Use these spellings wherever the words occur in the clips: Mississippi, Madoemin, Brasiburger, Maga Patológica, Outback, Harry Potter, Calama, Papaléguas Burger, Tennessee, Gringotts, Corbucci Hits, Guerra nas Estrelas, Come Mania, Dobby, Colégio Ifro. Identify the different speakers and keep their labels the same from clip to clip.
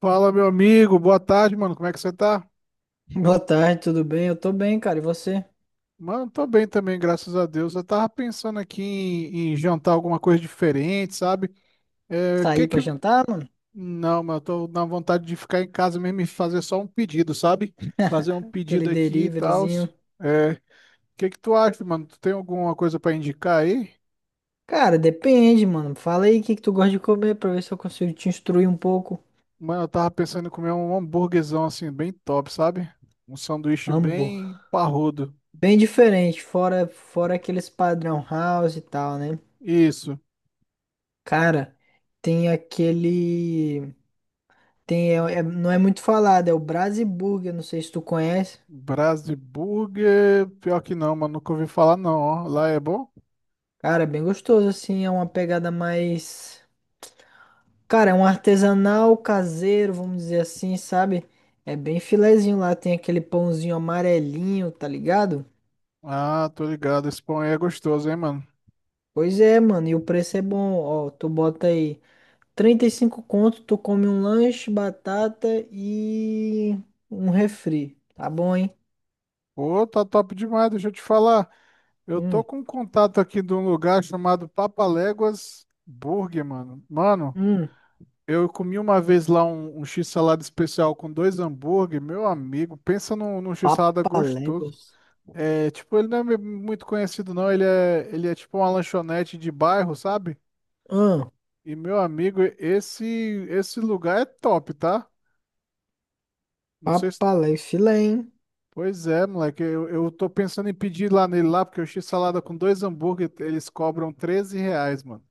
Speaker 1: Fala, meu amigo, boa tarde, mano. Como é que você tá?
Speaker 2: Boa tarde, tudo bem? Eu tô bem, cara. E você?
Speaker 1: Mano, tô bem também, graças a Deus. Eu tava pensando aqui em jantar alguma coisa diferente, sabe? É, que
Speaker 2: Sair
Speaker 1: que.
Speaker 2: pra jantar, mano?
Speaker 1: Não, mano, eu tô na vontade de ficar em casa mesmo e fazer só um pedido, sabe? Fazer um
Speaker 2: Aquele
Speaker 1: pedido aqui e tal.
Speaker 2: deliveryzinho.
Speaker 1: É, que tu acha, mano? Tu tem alguma coisa pra indicar aí?
Speaker 2: Cara, depende, mano. Fala aí o que que tu gosta de comer pra ver se eu consigo te instruir um pouco.
Speaker 1: Mano, eu tava pensando em comer um hambúrguerzão assim, bem top, sabe? Um sanduíche
Speaker 2: Ambo.
Speaker 1: bem parrudo.
Speaker 2: Bem diferente, fora aqueles padrão house e tal, né?
Speaker 1: Isso.
Speaker 2: Cara, tem aquele tem é- é- não é muito falado, é o Brasiburger, não sei se tu conhece.
Speaker 1: Brás, pior que não, mano, nunca ouvi falar não, ó. Lá é bom?
Speaker 2: Cara, é bem gostoso assim, é uma pegada mais. Cara, é um artesanal caseiro, vamos dizer assim, sabe? É bem filezinho lá, tem aquele pãozinho amarelinho, tá ligado?
Speaker 1: Ah, tô ligado, esse pão aí é gostoso, hein, mano?
Speaker 2: Pois é, mano, e o preço é bom, ó, tu bota aí 35 conto, tu come um lanche, batata e um refri, tá bom, hein?
Speaker 1: Pô, tá top demais, deixa eu te falar. Eu tô
Speaker 2: Hum,
Speaker 1: com um contato aqui de um lugar chamado Papaléguas Burger, mano. Mano,
Speaker 2: hum,
Speaker 1: eu comi uma vez lá um x-salada especial com dois hambúrguer, meu amigo, pensa num x-salada gostoso.
Speaker 2: Papaléguas.
Speaker 1: É, tipo, ele não é muito conhecido não, ele é tipo uma lanchonete de bairro, sabe?
Speaker 2: Hum,
Speaker 1: E meu amigo, esse lugar é top, tá? Não sei se...
Speaker 2: Papalé, filé, hein?
Speaker 1: Pois é, moleque, eu tô pensando em pedir lá nele lá, porque o x-salada com dois hambúrguer, eles cobram R$ 13, mano.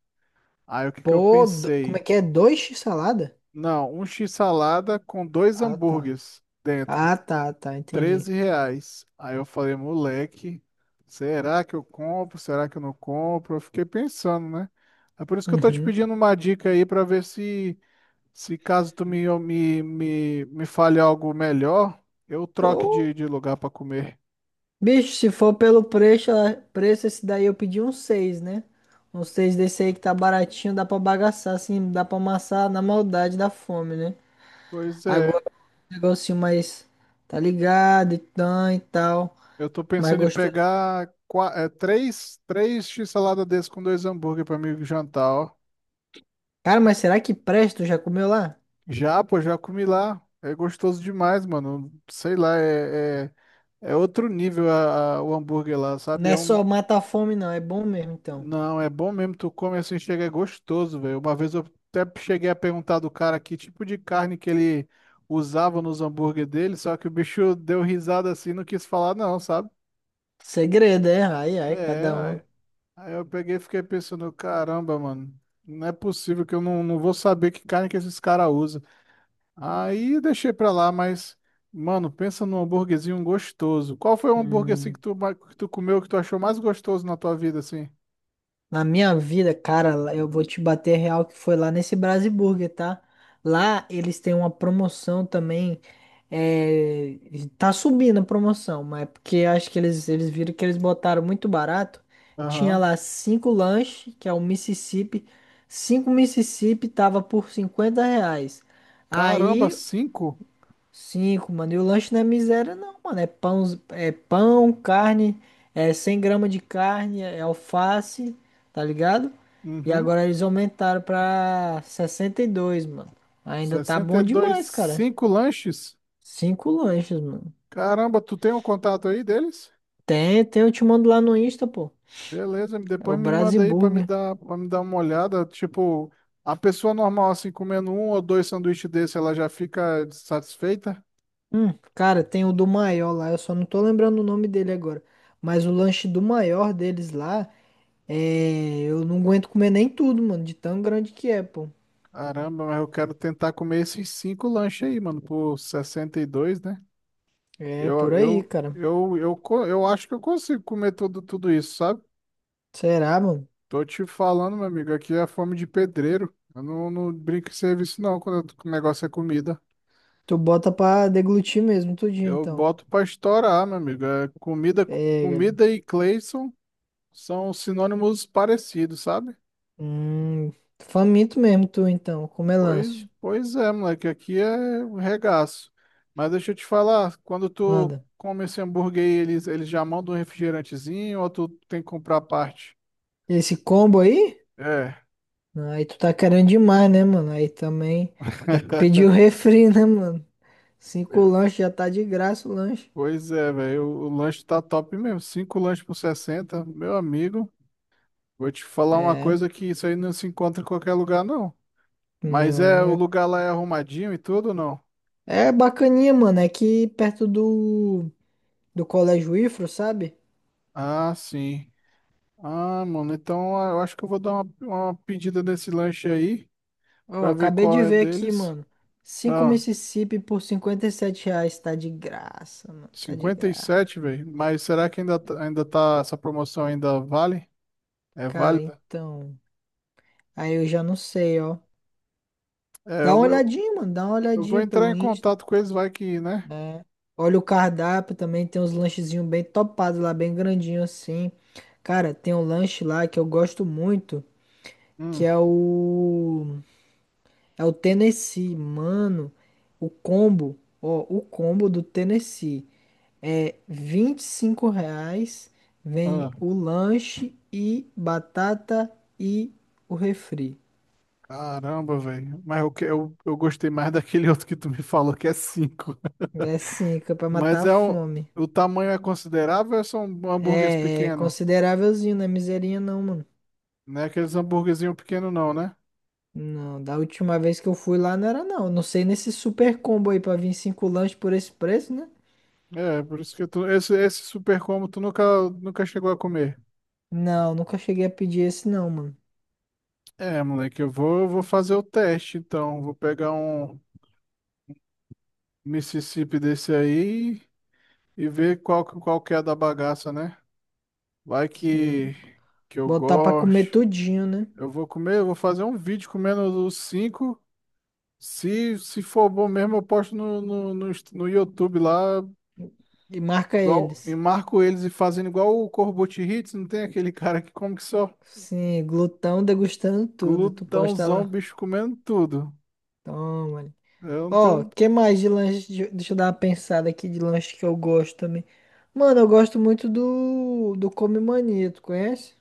Speaker 1: Aí o que que eu
Speaker 2: Pô, como é
Speaker 1: pensei?
Speaker 2: que é? Dois x salada?
Speaker 1: Não, um x-salada com dois
Speaker 2: Ah, tá.
Speaker 1: hambúrgueres dentro,
Speaker 2: Ah, tá, tá, entendi.
Speaker 1: R$ 13. Aí eu falei, moleque, será que eu compro? Será que eu não compro? Eu fiquei pensando, né? É por isso que eu tô te
Speaker 2: Uhum.
Speaker 1: pedindo uma dica aí pra ver se se caso tu me fale algo melhor, eu troque
Speaker 2: Pô,
Speaker 1: de lugar para comer.
Speaker 2: bicho, se for pelo preço, ah, preço esse daí eu pedi um seis, né? Um 6 desse aí que tá baratinho, dá pra bagaçar, assim, dá pra amassar na maldade da fome, né?
Speaker 1: Pois é,
Speaker 2: Agora o negocinho mais, tá ligado, e tã e tal,
Speaker 1: eu tô
Speaker 2: mais
Speaker 1: pensando em
Speaker 2: gostoso.
Speaker 1: pegar três x-salada desse com dois hambúrguer para mim jantar, ó.
Speaker 2: Cara, mas será que presta? Tu já comeu lá?
Speaker 1: Já, pô, já comi lá. É gostoso demais, mano. Sei lá, é outro nível o hambúrguer lá, sabe?
Speaker 2: Não
Speaker 1: É
Speaker 2: é só
Speaker 1: um,
Speaker 2: mata a fome, não, é bom mesmo, então.
Speaker 1: não, é bom mesmo. Tu come assim, chega, é gostoso, velho. Uma vez eu até cheguei a perguntar do cara que tipo de carne que ele usava nos hambúrguer dele, só que o bicho deu risada assim, não quis falar não, sabe?
Speaker 2: Segredo, é? Ai, ai,
Speaker 1: É,
Speaker 2: cada um.
Speaker 1: aí, aí eu peguei e fiquei pensando, caramba, mano, não é possível que eu não vou saber que carne que esses caras usam. Aí eu deixei pra lá, mas, mano, pensa num hambúrguerzinho gostoso. Qual foi o hambúrguer assim
Speaker 2: Hum.
Speaker 1: que tu, que tu comeu, que tu achou mais gostoso na tua vida, assim?
Speaker 2: Na minha vida, cara, eu vou te bater real que foi lá nesse Brasiburger, tá? Lá eles têm uma promoção também. É, tá subindo a promoção, mas é porque acho que eles, viram que eles botaram muito barato. Tinha
Speaker 1: Aham.
Speaker 2: lá cinco lanches, que é o Mississippi. Cinco Mississippi tava por 50 reais.
Speaker 1: Caramba,
Speaker 2: Aí
Speaker 1: cinco?
Speaker 2: cinco, mano. E o lanche não é miséria, não, mano. É pão, carne, é 100 gramas de carne, é alface, tá ligado? E
Speaker 1: Uhum.
Speaker 2: agora eles aumentaram pra 62, mano. Ainda tá
Speaker 1: sessenta
Speaker 2: bom
Speaker 1: e dois,
Speaker 2: demais, cara.
Speaker 1: cinco lanches?
Speaker 2: Cinco lanches, mano.
Speaker 1: Caramba, tu tem o contato aí deles?
Speaker 2: Tem, eu te mando lá no Insta, pô.
Speaker 1: Beleza,
Speaker 2: É o
Speaker 1: depois me manda aí
Speaker 2: Brasiburger.
Speaker 1: para me dar uma olhada. Tipo, a pessoa normal assim comendo um ou dois sanduíches desse, ela já fica satisfeita?
Speaker 2: Cara, tem o do maior lá, eu só não tô lembrando o nome dele agora. Mas o lanche do maior deles lá, é, eu não aguento comer nem tudo, mano, de tão grande que é, pô.
Speaker 1: Caramba, mas eu quero tentar comer esses cinco lanches aí, mano, por 62, né?
Speaker 2: É por aí, cara.
Speaker 1: Eu acho que eu consigo comer tudo, tudo isso, sabe?
Speaker 2: Será, mano?
Speaker 1: Tô te falando, meu amigo, aqui é fome de pedreiro. Eu não brinco em serviço, não, quando quando o negócio é comida.
Speaker 2: Tu bota pra deglutir mesmo, tudinho,
Speaker 1: Eu
Speaker 2: então.
Speaker 1: boto pra estourar, meu amigo.
Speaker 2: Pega ali.
Speaker 1: Comida e Cleison são sinônimos parecidos, sabe?
Speaker 2: Hum, Faminto mesmo, tu, então. Com
Speaker 1: Pois,
Speaker 2: melancia.
Speaker 1: pois é, moleque, aqui é um regaço. Mas deixa eu te falar, quando tu
Speaker 2: Manda.
Speaker 1: come esse hambúrguer aí, eles já mandam um refrigerantezinho ou tu tem que comprar à parte?
Speaker 2: Esse combo aí?
Speaker 1: É.
Speaker 2: Aí tu tá querendo demais, né, mano? Aí também tem que pedir o refri, né, mano? Cinco lanches já tá de graça o lanche.
Speaker 1: Pois é, velho. O lanche tá top mesmo. Cinco lanches por 60, meu amigo. Vou te falar uma
Speaker 2: É.
Speaker 1: coisa que isso aí não se encontra em qualquer lugar, não. Mas é,
Speaker 2: Não,
Speaker 1: o
Speaker 2: é,
Speaker 1: lugar lá é arrumadinho e tudo, ou não?
Speaker 2: é bacaninha, mano. É que perto do, Colégio Ifro, sabe?
Speaker 1: Ah, sim. Ah, mano, então ah, eu acho que eu vou dar uma pedida nesse lanche aí,
Speaker 2: Ó,
Speaker 1: pra ver
Speaker 2: acabei de
Speaker 1: qual é
Speaker 2: ver aqui,
Speaker 1: deles.
Speaker 2: mano. Cinco
Speaker 1: Ah,
Speaker 2: Mississippi por 57 reais. Tá de graça, mano. Tá de
Speaker 1: cinquenta e
Speaker 2: graça.
Speaker 1: sete velho. Mas será que ainda, ainda tá, essa promoção ainda vale? É
Speaker 2: Cara,
Speaker 1: válida?
Speaker 2: então. Aí eu já não sei, ó.
Speaker 1: É,
Speaker 2: Dá uma olhadinha, mano. Dá uma
Speaker 1: eu vou
Speaker 2: olhadinha
Speaker 1: entrar
Speaker 2: pelo
Speaker 1: em
Speaker 2: Insta,
Speaker 1: contato com eles, vai que, né?
Speaker 2: né? Olha o cardápio também. Tem uns lanchezinhos bem topados lá, bem grandinho assim. Cara, tem um lanche lá que eu gosto muito. Que
Speaker 1: Hum,
Speaker 2: é o. É o Tennessee, mano. O combo. Ó, o combo do Tennessee. É 25 reais, vem
Speaker 1: ah.
Speaker 2: o lanche e batata e o refri.
Speaker 1: Caramba, velho. Mas eu, eu gostei mais daquele outro que tu me falou, que é 5.
Speaker 2: É sim, que é pra matar
Speaker 1: Mas
Speaker 2: a
Speaker 1: é
Speaker 2: fome.
Speaker 1: o tamanho é considerável ou é são hambúrgueres
Speaker 2: É
Speaker 1: pequenos?
Speaker 2: considerávelzinho, não é miserinha não, mano.
Speaker 1: Não é aqueles hambúrguerzinho pequeno não, né?
Speaker 2: Não, da última vez que eu fui lá não era não. Não sei nesse super combo aí pra vir cinco lanches por esse preço, né?
Speaker 1: É, por isso que tu, esse super combo tu nunca, nunca chegou a comer.
Speaker 2: Não, nunca cheguei a pedir esse não, mano.
Speaker 1: É, moleque, eu vou fazer o teste, então. Vou pegar um Mississippi desse aí e ver qual, qual que é a da bagaça, né? Vai
Speaker 2: Sim,
Speaker 1: que eu
Speaker 2: botar pra comer
Speaker 1: gosto.
Speaker 2: tudinho, né?
Speaker 1: Eu vou comer, eu vou fazer um vídeo comendo os cinco. Se for bom mesmo, eu posto no, no YouTube lá,
Speaker 2: E marca
Speaker 1: igual, e
Speaker 2: eles.
Speaker 1: marco eles e fazendo igual o Corbucci Hits, não tem aquele cara que come que só
Speaker 2: Sim, glutão degustando tudo. Tu posta
Speaker 1: glutãozão,
Speaker 2: lá.
Speaker 1: bicho comendo tudo.
Speaker 2: Toma.
Speaker 1: Eu não
Speaker 2: Ó,
Speaker 1: tenho.
Speaker 2: que mais de lanche? Deixa eu dar uma pensada aqui de lanche que eu gosto também. Mano, eu gosto muito do, Come Mania, tu conhece?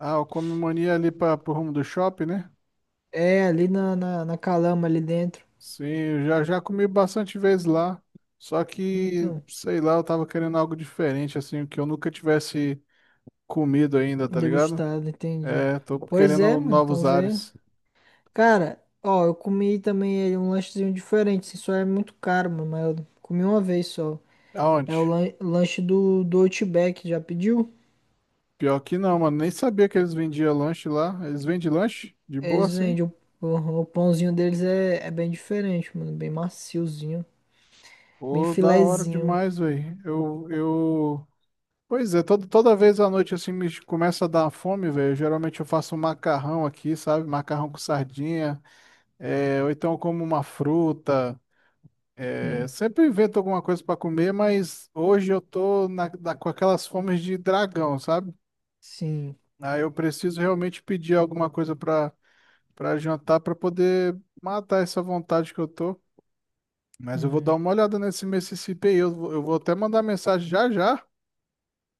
Speaker 1: Ah, eu come mania ali para pro rumo do shopping, né?
Speaker 2: É, ali na, na Calama, ali dentro.
Speaker 1: Sim, eu já comi bastante vezes lá. Só que,
Speaker 2: Então,
Speaker 1: sei lá, eu tava querendo algo diferente, assim, que eu nunca tivesse comido ainda, tá ligado?
Speaker 2: degustado, entendi.
Speaker 1: É, tô
Speaker 2: Pois é,
Speaker 1: querendo
Speaker 2: mano, então
Speaker 1: novos
Speaker 2: vê.
Speaker 1: ares.
Speaker 2: Cara, ó, eu comi também ele, um lanchezinho diferente, assim, só é muito caro, mano, mas eu comi uma vez só. É
Speaker 1: Aonde?
Speaker 2: o lanche do, Outback, já pediu?
Speaker 1: Pior que não, mano. Nem sabia que eles vendiam lanche lá. Eles vendem lanche? De boa,
Speaker 2: Eles
Speaker 1: assim?
Speaker 2: vendem. O pãozinho deles é bem diferente, mano, bem maciozinho. Bem
Speaker 1: Pô, da hora
Speaker 2: filezinho.
Speaker 1: demais, velho. Pois é, toda toda vez à noite, assim, me começa a dar fome, velho. Geralmente eu faço um macarrão aqui, sabe? Macarrão com sardinha. É, ou então eu como uma fruta. É,
Speaker 2: Sim.
Speaker 1: sempre invento alguma coisa pra comer, mas hoje eu tô com aquelas fomes de dragão, sabe?
Speaker 2: Sim.
Speaker 1: Aí eu preciso realmente pedir alguma coisa pra para jantar pra poder matar essa vontade que eu tô. Mas eu vou dar
Speaker 2: Hum.
Speaker 1: uma olhada nesse Mississippi aí. Eu vou até mandar mensagem já já,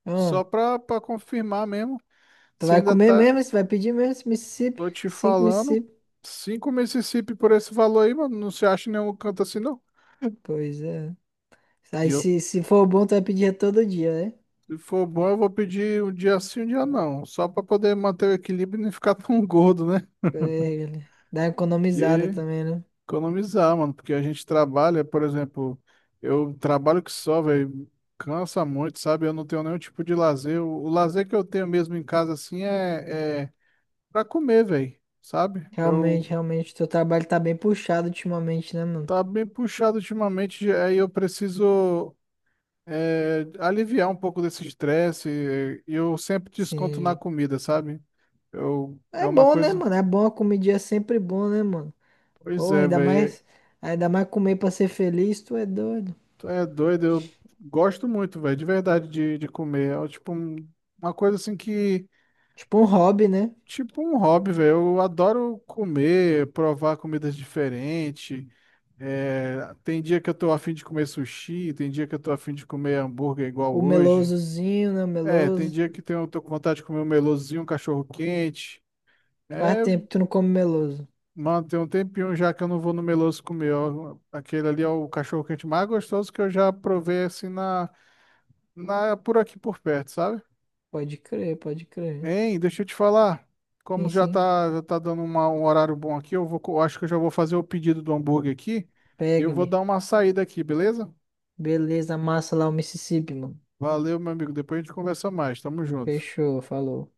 Speaker 2: Ah,
Speaker 1: só pra confirmar mesmo.
Speaker 2: tu
Speaker 1: Se
Speaker 2: vai
Speaker 1: ainda
Speaker 2: comer
Speaker 1: tá.
Speaker 2: mesmo? Você vai pedir mesmo esse Mississippi?
Speaker 1: Tô te
Speaker 2: Cinco
Speaker 1: falando.
Speaker 2: Mississippi.
Speaker 1: Cinco Mississippi por esse valor aí, mano. Não se acha em nenhum canto assim, não.
Speaker 2: Pois é.
Speaker 1: E
Speaker 2: Aí
Speaker 1: eu,
Speaker 2: se for bom, tu vai pedir é todo dia, né?
Speaker 1: se for bom, eu vou pedir um dia sim, um dia não. Só pra poder manter o equilíbrio e não ficar tão gordo, né?
Speaker 2: É, dá uma economizada
Speaker 1: Que
Speaker 2: também, né?
Speaker 1: economizar, mano, porque a gente trabalha, por exemplo, eu trabalho que só, velho, cansa muito, sabe? Eu não tenho nenhum tipo de lazer. O lazer que eu tenho mesmo em casa, assim, é pra comer, velho, sabe? Eu
Speaker 2: Realmente, realmente. Teu trabalho tá bem puxado ultimamente, né, mano?
Speaker 1: tá bem puxado ultimamente, aí eu preciso é, aliviar um pouco desse estresse e eu sempre desconto na
Speaker 2: Sim.
Speaker 1: comida, sabe? Eu, é
Speaker 2: É
Speaker 1: uma
Speaker 2: bom, né,
Speaker 1: coisa.
Speaker 2: mano? É bom, a comidinha é sempre bom, né, mano?
Speaker 1: Pois
Speaker 2: Porra,
Speaker 1: é, velho.
Speaker 2: ainda mais comer pra ser feliz, tu é doido.
Speaker 1: Tu é doido, eu gosto muito, velho, de verdade, de comer. É tipo um- uma coisa assim que.
Speaker 2: Tipo um hobby, né?
Speaker 1: Tipo um hobby, velho. Eu adoro comer, provar comidas diferentes. É, tem dia que eu tô afim de comer sushi, tem dia que eu tô afim de comer hambúrguer igual
Speaker 2: O
Speaker 1: hoje.
Speaker 2: melosozinho, né? O
Speaker 1: É, tem
Speaker 2: meloso.
Speaker 1: dia eu tô com vontade de comer um melosinho, um cachorro quente.
Speaker 2: Faz
Speaker 1: É,
Speaker 2: tempo que tu não come meloso.
Speaker 1: mano, tem um tempinho já que eu não vou no meloso comer, ó. Aquele ali é o cachorro quente mais gostoso que eu já provei assim por aqui por perto, sabe?
Speaker 2: Pode crer, pode crer.
Speaker 1: Hein, deixa eu te falar. Como
Speaker 2: Sim, sim.
Speaker 1: já tá dando uma- um horário bom aqui, eu acho que eu já vou fazer o pedido do hambúrguer aqui. E eu vou
Speaker 2: Pega-lhe.
Speaker 1: dar uma saída aqui, beleza?
Speaker 2: Beleza, amassa lá o Mississippi, mano.
Speaker 1: Valeu, meu amigo. Depois a gente conversa mais. Tamo junto.
Speaker 2: Fechou, falou.